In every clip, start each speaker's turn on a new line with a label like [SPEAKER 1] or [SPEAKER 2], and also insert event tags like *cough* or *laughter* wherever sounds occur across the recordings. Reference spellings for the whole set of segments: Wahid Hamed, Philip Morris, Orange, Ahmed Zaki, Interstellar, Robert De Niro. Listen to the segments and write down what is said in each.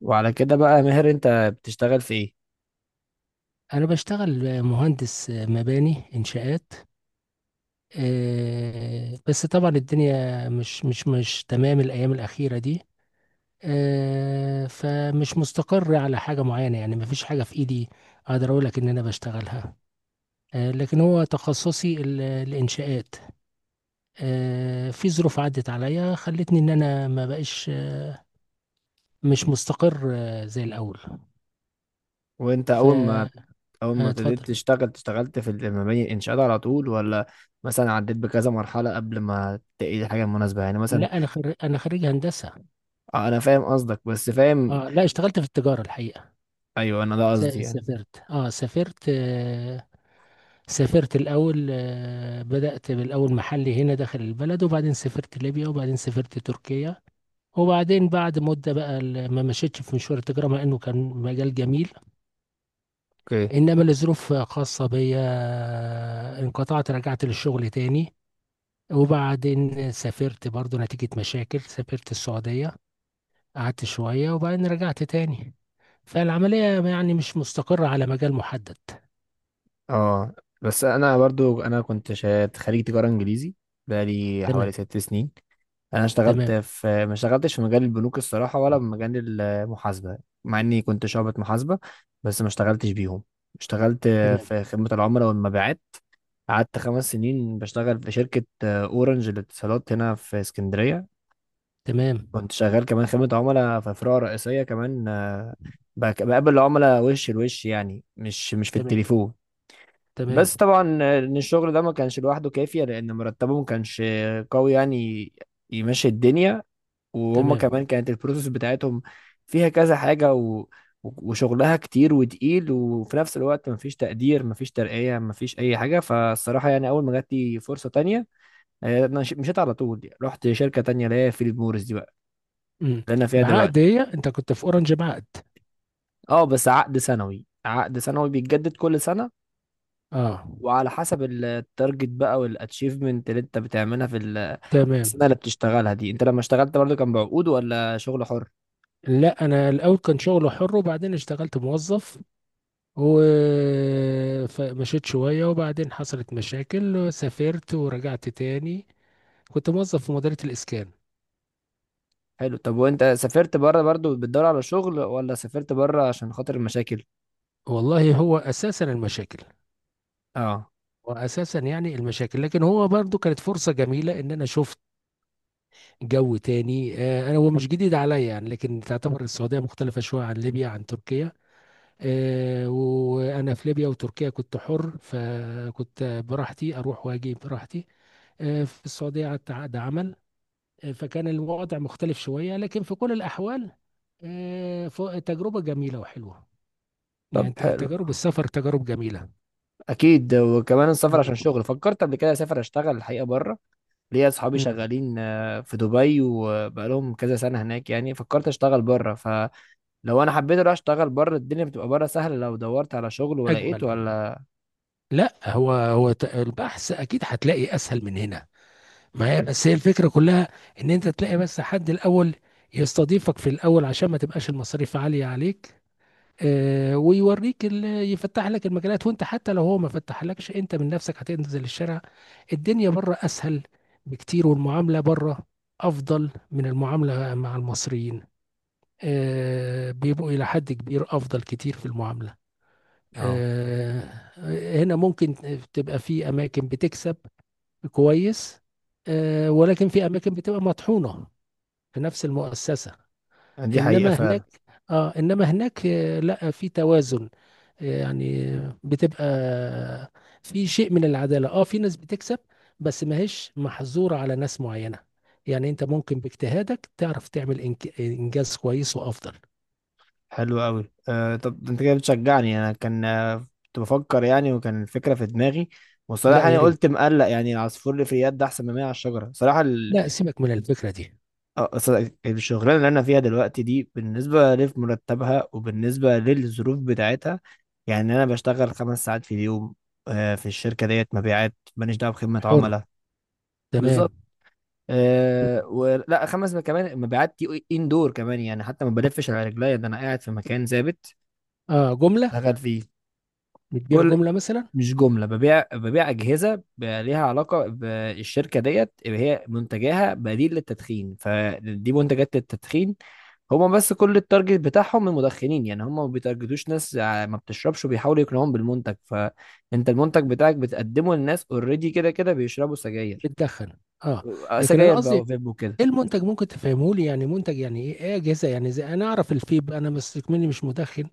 [SPEAKER 1] وعلى كده بقى يا ماهر انت بتشتغل في ايه؟
[SPEAKER 2] أنا بشتغل مهندس مباني إنشاءات. بس طبعا الدنيا مش تمام الأيام الأخيرة دي. فمش مستقر على حاجة معينة، يعني مفيش حاجة في إيدي أقدر أقول لك إن أنا بشتغلها. لكن هو تخصصي الإنشاءات. في ظروف عدت عليا خلتني إن أنا ما بقاش مش مستقر، زي الأول.
[SPEAKER 1] وانت اول ما
[SPEAKER 2] فاتفضل.
[SPEAKER 1] ابتديت تشتغل اشتغلت في المباني الانشاءات على طول، ولا مثلا عديت بكذا مرحلة قبل ما تلاقي الحاجة المناسبة؟ يعني مثلا
[SPEAKER 2] لا، أنا أنا خريج هندسة.
[SPEAKER 1] اه انا فاهم قصدك، بس فاهم
[SPEAKER 2] اه، لا، اشتغلت في التجارة الحقيقة.
[SPEAKER 1] ايوه، انا ده
[SPEAKER 2] س-
[SPEAKER 1] قصدي يعني.
[SPEAKER 2] سافرت اه سافرت آه، سافرت الأول. بدأت بالأول محلي هنا داخل البلد، وبعدين سافرت ليبيا، وبعدين سافرت تركيا. وبعدين بعد مدة بقى، ما مشيتش في مشوار التجارة مع إنه كان مجال جميل.
[SPEAKER 1] اوكي.
[SPEAKER 2] إنما لظروف خاصة بيا، انقطعت، رجعت للشغل تاني. وبعدين سافرت برضو نتيجة مشاكل، سافرت السعودية، قعدت شوية وبعدين رجعت تاني. فالعملية يعني مش مستقرة على مجال محدد.
[SPEAKER 1] اه بس انا برضو انا كنت خريج تجارة انجليزي بقالي حوالي
[SPEAKER 2] تمام.
[SPEAKER 1] 6 سنين. انا اشتغلت
[SPEAKER 2] تمام.
[SPEAKER 1] في ما اشتغلتش في مجال البنوك الصراحه، ولا في مجال المحاسبه، مع اني كنت شعبة محاسبه، بس ما اشتغلتش بيهم. اشتغلت
[SPEAKER 2] تمام.
[SPEAKER 1] في خدمه العملاء والمبيعات. قعدت 5 سنين بشتغل في شركه اورنج للاتصالات هنا في اسكندريه.
[SPEAKER 2] تمام.
[SPEAKER 1] كنت شغال كمان خدمه عملاء في فروع رئيسيه كمان، بقابل العملاء وش لوش، يعني مش في
[SPEAKER 2] تمام.
[SPEAKER 1] التليفون.
[SPEAKER 2] تمام.
[SPEAKER 1] بس طبعا ان الشغل ده ما كانش لوحده كافية، لان مرتبه ما كانش قوي يعني يمشي الدنيا. وهم
[SPEAKER 2] تمام.
[SPEAKER 1] كمان كانت البروسيس بتاعتهم فيها كذا حاجة. وشغلها كتير وتقيل، وفي نفس الوقت مفيش تقدير، مفيش ترقية، مفيش أي حاجة. فالصراحة يعني أول ما جات لي فرصة تانية، أنا مشيت على طول يعني. رحت شركة تانية اللي هي فيليب موريس دي بقى،
[SPEAKER 2] امم.
[SPEAKER 1] اللي أنا فيها دلوقتي.
[SPEAKER 2] بعقد؟ هي انت كنت في اورنج بعقد؟
[SPEAKER 1] أه بس عقد سنوي، عقد سنوي بيتجدد كل سنة،
[SPEAKER 2] اه.
[SPEAKER 1] وعلى حسب التارجت بقى والاتشيفمنت اللي انت بتعملها في السنة
[SPEAKER 2] تمام.
[SPEAKER 1] اللي بتشتغلها دي. انت لما اشتغلت برضه كان بعقود ولا شغل حر؟
[SPEAKER 2] لا، انا الاول كان شغل حر، وبعدين اشتغلت موظف ومشيت شويه، وبعدين حصلت مشاكل وسافرت ورجعت تاني. كنت موظف في مديريه الاسكان.
[SPEAKER 1] حلو. طب وانت سافرت بره برضو بتدور على شغل، ولا سافرت بره عشان خاطر المشاكل؟
[SPEAKER 2] والله هو اساسا المشاكل،
[SPEAKER 1] اه.
[SPEAKER 2] واساسا يعني المشاكل، لكن هو برضو كانت فرصه جميله ان انا شفت جو تاني. انا هو مش جديد عليا يعني، لكن تعتبر السعوديه مختلفه شويه عن ليبيا، عن تركيا. وانا في ليبيا وتركيا كنت حر، فكنت براحتي اروح واجي براحتي. في السعوديه قعدت عقد عمل. فكان الوضع مختلف شويه، لكن في كل الاحوال، تجربه جميله وحلوه.
[SPEAKER 1] طب
[SPEAKER 2] يعني
[SPEAKER 1] حلو،
[SPEAKER 2] تجارب السفر تجارب جميله.
[SPEAKER 1] اكيد. وكمان السفر عشان
[SPEAKER 2] مم.
[SPEAKER 1] شغل فكرت قبل كده اسافر اشتغل الحقيقه بره. ليا اصحابي
[SPEAKER 2] مم.
[SPEAKER 1] شغالين، آه، في دبي وبقالهم كذا سنه هناك يعني. فكرت اشتغل بره، فلو انا حبيت اروح اشتغل بره الدنيا بتبقى بره سهله لو دورت على شغل ولقيت،
[SPEAKER 2] اجمل.
[SPEAKER 1] ولا؟
[SPEAKER 2] لا، هو البحث اكيد هتلاقي اسهل من هنا. ما هي بس هي الفكرة كلها، ان انت تلاقي بس حد الاول يستضيفك في الاول عشان ما تبقاش المصاريف عالية عليك. ويوريك، يفتح لك المجالات، وانت حتى لو هو ما فتحلكش انت من نفسك هتنزل الشارع. الدنيا بره اسهل بكتير، والمعاملة بره افضل من المعاملة مع المصريين. بيبقوا الى حد كبير افضل كتير في المعاملة.
[SPEAKER 1] اه
[SPEAKER 2] آه هنا ممكن تبقى في اماكن بتكسب كويس، ولكن في اماكن بتبقى مطحونه في نفس المؤسسه.
[SPEAKER 1] دي حقيقه
[SPEAKER 2] انما هناك
[SPEAKER 1] فعلا.
[SPEAKER 2] اه انما هناك، لا، في توازن. يعني بتبقى، في شيء من العداله، في ناس بتكسب بس ما هيش محظوره على ناس معينه. يعني انت ممكن باجتهادك تعرف تعمل انجاز كويس وافضل.
[SPEAKER 1] حلو قوي. آه طب ده انت كده بتشجعني، انا كان، آه، كنت بفكر يعني، وكان الفكره في دماغي.
[SPEAKER 2] لا
[SPEAKER 1] وصراحه
[SPEAKER 2] يا
[SPEAKER 1] انا قلت
[SPEAKER 2] ريت،
[SPEAKER 1] مقلق، يعني العصفور اللي في اليد ده احسن من 100 على الشجره صراحه.
[SPEAKER 2] لا سيبك من الفكره دي.
[SPEAKER 1] آه، أصل الشغلانه اللي انا فيها دلوقتي دي بالنسبه لمرتبها وبالنسبه للظروف بتاعتها، يعني انا بشتغل 5 ساعات في اليوم، آه، في الشركه ديت مبيعات، ماليش دعوه بخدمه
[SPEAKER 2] حر.
[SPEAKER 1] عملاء.
[SPEAKER 2] تمام.
[SPEAKER 1] بالظبط.
[SPEAKER 2] مم.
[SPEAKER 1] أه ولا خمس، كمان مبيعات دي اندور كمان يعني، حتى ما بلفش على رجليا، ده انا قاعد في مكان ثابت
[SPEAKER 2] اه، جمله.
[SPEAKER 1] اشتغل فيه.
[SPEAKER 2] بتبيع
[SPEAKER 1] كل
[SPEAKER 2] جمله مثلا؟
[SPEAKER 1] مش جملة، ببيع أجهزة ليها علاقة بالشركة ديت اللي هي منتجاها بديل للتدخين، فدي منتجات للتدخين. هما بس كل التارجت بتاعهم المدخنين يعني، هما ما بيتارجتوش ناس ما بتشربش، وبيحاولوا يقنعوهم بالمنتج. فأنت المنتج بتاعك بتقدمه للناس اوريدي كده كده بيشربوا سجاير،
[SPEAKER 2] بتدخن؟ اه.
[SPEAKER 1] آه،
[SPEAKER 2] لكن انا
[SPEAKER 1] سجاير
[SPEAKER 2] قصدي،
[SPEAKER 1] بقى وفيب وكده.
[SPEAKER 2] ايه المنتج؟ ممكن تفهمه لي؟ يعني منتج يعني ايه؟ اجهزه يعني؟ زي، انا اعرف الفيب، انا بس مني مش مدخن.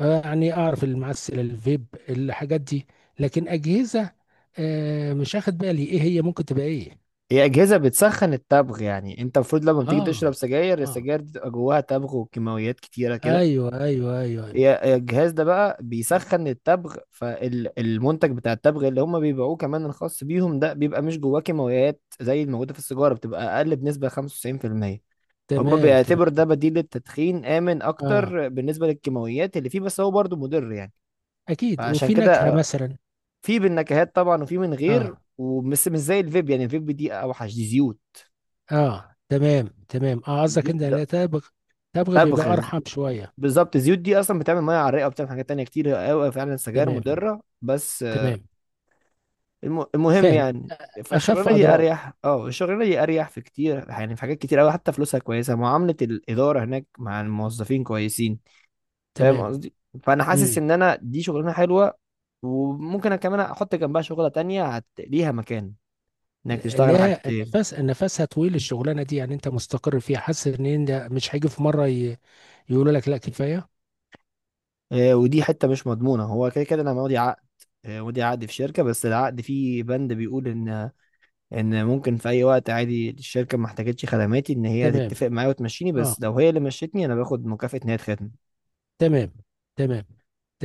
[SPEAKER 2] يعني اعرف المعسل، الفيب، الحاجات دي، لكن اجهزه، مش اخد بالي ايه هي ممكن تبقى ايه.
[SPEAKER 1] هي أجهزة بتسخن التبغ، يعني أنت المفروض لما بتيجي تشرب
[SPEAKER 2] اه.
[SPEAKER 1] سجاير،
[SPEAKER 2] اه.
[SPEAKER 1] السجاير دي تبقى جواها تبغ وكيماويات كتيرة كده.
[SPEAKER 2] ايوه، ايوه، ايوه, أيوة.
[SPEAKER 1] هي الجهاز ده بقى بيسخن التبغ، فالمنتج بتاع التبغ اللي هم بيبيعوه كمان الخاص بيهم ده بيبقى مش جواه كيماويات زي الموجودة في السيجارة، بتبقى أقل بنسبة 95%. هم
[SPEAKER 2] تمام.
[SPEAKER 1] بيعتبر
[SPEAKER 2] تمام.
[SPEAKER 1] ده بديل للتدخين آمن
[SPEAKER 2] اه،
[SPEAKER 1] أكتر بالنسبة للكيماويات اللي فيه، بس هو برضه مضر يعني.
[SPEAKER 2] اكيد،
[SPEAKER 1] فعشان
[SPEAKER 2] وفي
[SPEAKER 1] كده،
[SPEAKER 2] نكهه
[SPEAKER 1] آه،
[SPEAKER 2] مثلا.
[SPEAKER 1] في بالنكهات طبعا وفي من غير،
[SPEAKER 2] اه.
[SPEAKER 1] ومش مش زي الفيب يعني، الفيب دي أوحش، دي زيوت.
[SPEAKER 2] اه. تمام. تمام. اه، قصدك
[SPEAKER 1] الزيوت
[SPEAKER 2] انت انا
[SPEAKER 1] ده
[SPEAKER 2] تبغ. تبغ بيبقى
[SPEAKER 1] تبغ.
[SPEAKER 2] ارحم شويه.
[SPEAKER 1] بالظبط، الزيوت دي اصلا بتعمل ميه عرقه، وبتعمل حاجات تانية كتير قوي، فعلا سجاير
[SPEAKER 2] تمام.
[SPEAKER 1] مضره بس.
[SPEAKER 2] تمام.
[SPEAKER 1] المهم
[SPEAKER 2] فاهم.
[SPEAKER 1] يعني،
[SPEAKER 2] أ-
[SPEAKER 1] فالشغلانه
[SPEAKER 2] اخف
[SPEAKER 1] دي
[SPEAKER 2] اضرار.
[SPEAKER 1] اريح، اه الشغلانه دي اريح في كتير، يعني في حاجات كتير قوي، حتى فلوسها كويسه، معامله الاداره هناك مع الموظفين كويسين. فاهم
[SPEAKER 2] تمام.
[SPEAKER 1] قصدي؟ فانا حاسس
[SPEAKER 2] امم.
[SPEAKER 1] ان انا دي شغلانه حلوه، وممكن أنا كمان احط جنبها شغله تانية ليها مكان انك تشتغل
[SPEAKER 2] ليها
[SPEAKER 1] حاجتين.
[SPEAKER 2] النفس؟ نفسها طويل الشغلانه دي؟ يعني انت مستقر فيها؟ حاسس ان انت مش هيجي في مره يقولوا لك لا كفايه؟
[SPEAKER 1] آه ودي حته مش مضمونه، هو كده كده انا ماضي عقد، آه ماضي عقد في شركه، بس العقد فيه بند بيقول ان ان ممكن في اي وقت عادي الشركه ما احتاجتش خدماتي ان هي
[SPEAKER 2] تمام.
[SPEAKER 1] تتفق معايا وتمشيني،
[SPEAKER 2] اه.
[SPEAKER 1] بس لو هي اللي مشيتني انا باخد مكافاه ان هي تخدم.
[SPEAKER 2] تمام. تمام.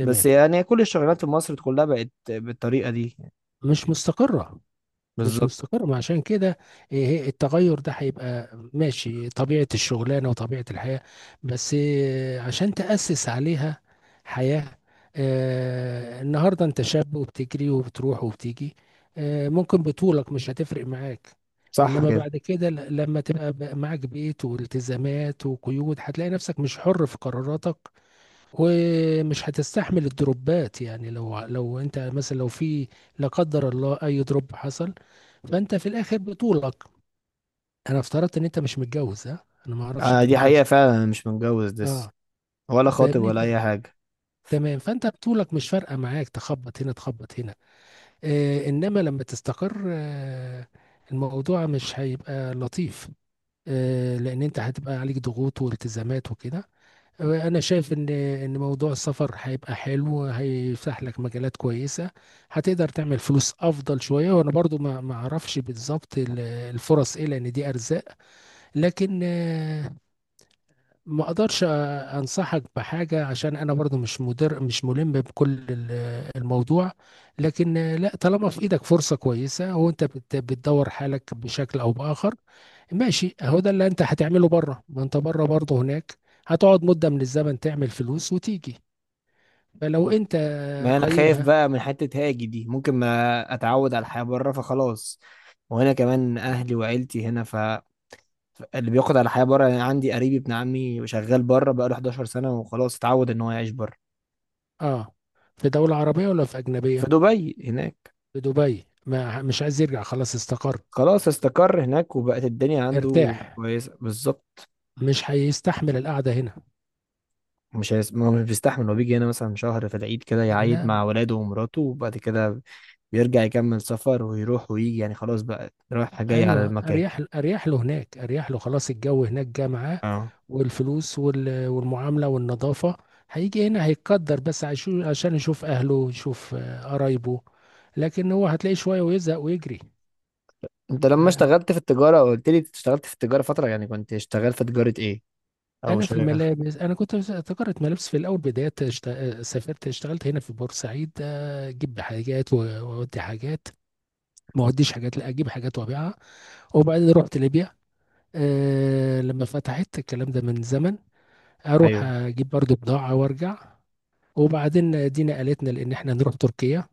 [SPEAKER 1] بس يعني كل الشغلانات في مصر كلها بقت بالطريقه دي.
[SPEAKER 2] مش مستقره. مش
[SPEAKER 1] بالظبط.
[SPEAKER 2] مستقر، ما عشان كده. التغير ده هيبقى ماشي طبيعة الشغلانة وطبيعة الحياة، بس عشان تأسس عليها حياة. النهاردة انت شاب وبتجري وبتروح وبتيجي. ممكن بطولك مش هتفرق معاك.
[SPEAKER 1] صح
[SPEAKER 2] انما
[SPEAKER 1] كده.
[SPEAKER 2] بعد كده، لما تبقى بقى معاك بيت والتزامات وقيود هتلاقي نفسك مش حر في قراراتك، ومش هتستحمل الدروبات. يعني، لو انت مثلا، لو في، لا قدر الله، اي دروب حصل، فانت في الاخر بطولك. انا افترضت ان انت مش متجوز، ها؟ انا ما اعرفش
[SPEAKER 1] آه
[SPEAKER 2] انت
[SPEAKER 1] دي
[SPEAKER 2] متجوز.
[SPEAKER 1] حقيقه فعلا، انا مش متجوز لسه،
[SPEAKER 2] اه.
[SPEAKER 1] ولا خاطب
[SPEAKER 2] فاهمني.
[SPEAKER 1] ولا اي حاجه.
[SPEAKER 2] *laughs* تمام. فانت بطولك مش فارقه معاك، تخبط هنا تخبط هنا. انما لما تستقر، الموضوع مش هيبقى لطيف. لان انت هتبقى عليك ضغوط والتزامات وكده. انا شايف ان موضوع السفر هيبقى حلو، هيفتح لك مجالات كويسه، هتقدر تعمل فلوس افضل شويه. وانا برضو ما اعرفش بالظبط الفرص ايه، لان دي ارزاق. لكن، ما اقدرش انصحك بحاجه، عشان انا برضو مش ملم بكل الموضوع. لكن لا، طالما في ايدك فرصه كويسه، وانت بتدور حالك بشكل او باخر، ماشي. اهو ده اللي انت هتعمله بره. ما انت بره برضه، هناك هتقعد مده من الزمن، تعمل فلوس وتيجي. فلو
[SPEAKER 1] ما
[SPEAKER 2] انت،
[SPEAKER 1] ما انا خايف
[SPEAKER 2] قيمها.
[SPEAKER 1] بقى من حته هاجي دي، ممكن ما اتعود على الحياه بره فخلاص. وهنا كمان اهلي وعيلتي هنا، ف اللي بياخد على الحياه بره، يعني عندي قريبي ابن عمي شغال بره بقاله 11 سنه وخلاص اتعود ان هو يعيش بره.
[SPEAKER 2] اه، في دوله عربيه ولا في
[SPEAKER 1] في
[SPEAKER 2] اجنبيه؟
[SPEAKER 1] دبي هناك.
[SPEAKER 2] في دبي؟ ما مش عايز يرجع؟ خلاص استقر.
[SPEAKER 1] خلاص استقر هناك وبقت الدنيا عنده
[SPEAKER 2] ارتاح.
[SPEAKER 1] كويسة بالظبط.
[SPEAKER 2] مش هيستحمل القعده هنا.
[SPEAKER 1] مش هيس... ما هو مش بيستحمل، هو بيجي هنا مثلا شهر في العيد كده يعيد
[SPEAKER 2] لا.
[SPEAKER 1] مع ولاده ومراته، وبعد كده بيرجع يكمل سفر ويروح ويجي يعني، خلاص بقى رايح جاي على
[SPEAKER 2] ايوه،
[SPEAKER 1] المكان.
[SPEAKER 2] اريح، اريح له هناك، اريح له. خلاص الجو هناك جه معاه،
[SPEAKER 1] اه.
[SPEAKER 2] والفلوس والمعامله والنظافه. هيجي هنا هيتقدر، بس عشان يشوف اهله، يشوف، قرايبه. لكن هو هتلاقيه شويه ويزهق ويجري.
[SPEAKER 1] انت لما
[SPEAKER 2] آه،
[SPEAKER 1] اشتغلت في التجارة قلت لي اشتغلت في التجارة فترة، يعني كنت شغال في تجارة ايه او شركة؟
[SPEAKER 2] انا كنت في تجاره ملابس في الاول، بدايه سافرت، اشتغلت هنا في بورسعيد. اجيب حاجات واودي حاجات. ما اوديش حاجات، لا، اجيب حاجات وابيعها. وبعدين رحت ليبيا. لما فتحت الكلام ده من زمن، اروح
[SPEAKER 1] ايوه.
[SPEAKER 2] اجيب برضو بضاعة وارجع. وبعدين دينا قالتنا لان احنا نروح تركيا.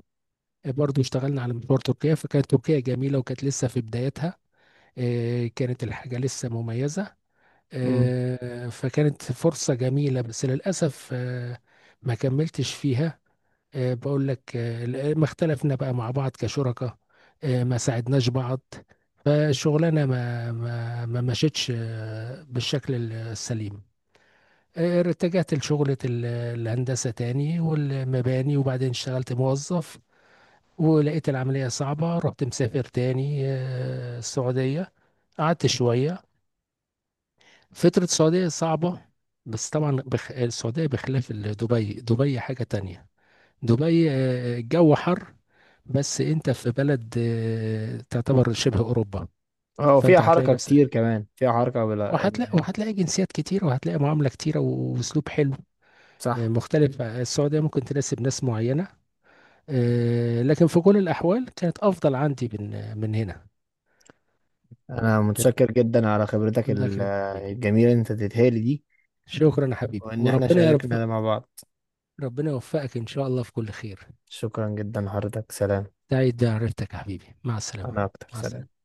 [SPEAKER 2] برضو اشتغلنا على مشوار تركيا، فكانت تركيا جميلة وكانت لسه في بدايتها. كانت الحاجة لسه مميزة.
[SPEAKER 1] امم.
[SPEAKER 2] فكانت فرصة جميلة، بس للأسف، ما كملتش فيها. بقول لك، ما اختلفنا بقى مع بعض كشركاء، ما ساعدناش بعض. فالشغلانة ما مشيتش بالشكل السليم. اتجهت لشغلة الهندسة تاني والمباني، وبعدين اشتغلت موظف، ولقيت العملية صعبة، رحت مسافر تاني، السعودية. قعدت شوية. فترة السعودية صعبة. بس طبعا السعودية بخلاف دبي. دبي حاجة تانية. دبي، الجو حر، بس انت في بلد، تعتبر شبه أوروبا.
[SPEAKER 1] اه فيها
[SPEAKER 2] فانت هتلاقي
[SPEAKER 1] حركة
[SPEAKER 2] نفسك،
[SPEAKER 1] كتير، كمان فيها حركة بلا
[SPEAKER 2] وهتلاقي
[SPEAKER 1] يعني.
[SPEAKER 2] وهتلاقي جنسيات كتيرة، وهتلاقي معاملة كتيرة، وأسلوب حلو،
[SPEAKER 1] صح.
[SPEAKER 2] مختلف. السعودية ممكن تناسب ناس معينة، لكن في كل الأحوال كانت أفضل عندي من هنا.
[SPEAKER 1] انا متشكر جدا على خبرتك
[SPEAKER 2] الله يكرمك يا حبيبي.
[SPEAKER 1] الجميلة اللي انت اديتها لي دي،
[SPEAKER 2] شكرا يا حبيبي،
[SPEAKER 1] وإن إحنا
[SPEAKER 2] وربنا يا رب،
[SPEAKER 1] شاركنا ده مع بعض.
[SPEAKER 2] ربنا يوفقك إن شاء الله في كل خير.
[SPEAKER 1] شكرا جدا حضرتك، سلام.
[SPEAKER 2] سعيد بعرفتك يا حبيبي، مع السلامة.
[SPEAKER 1] أنا أكتر،
[SPEAKER 2] مع
[SPEAKER 1] سلام.
[SPEAKER 2] السلامة.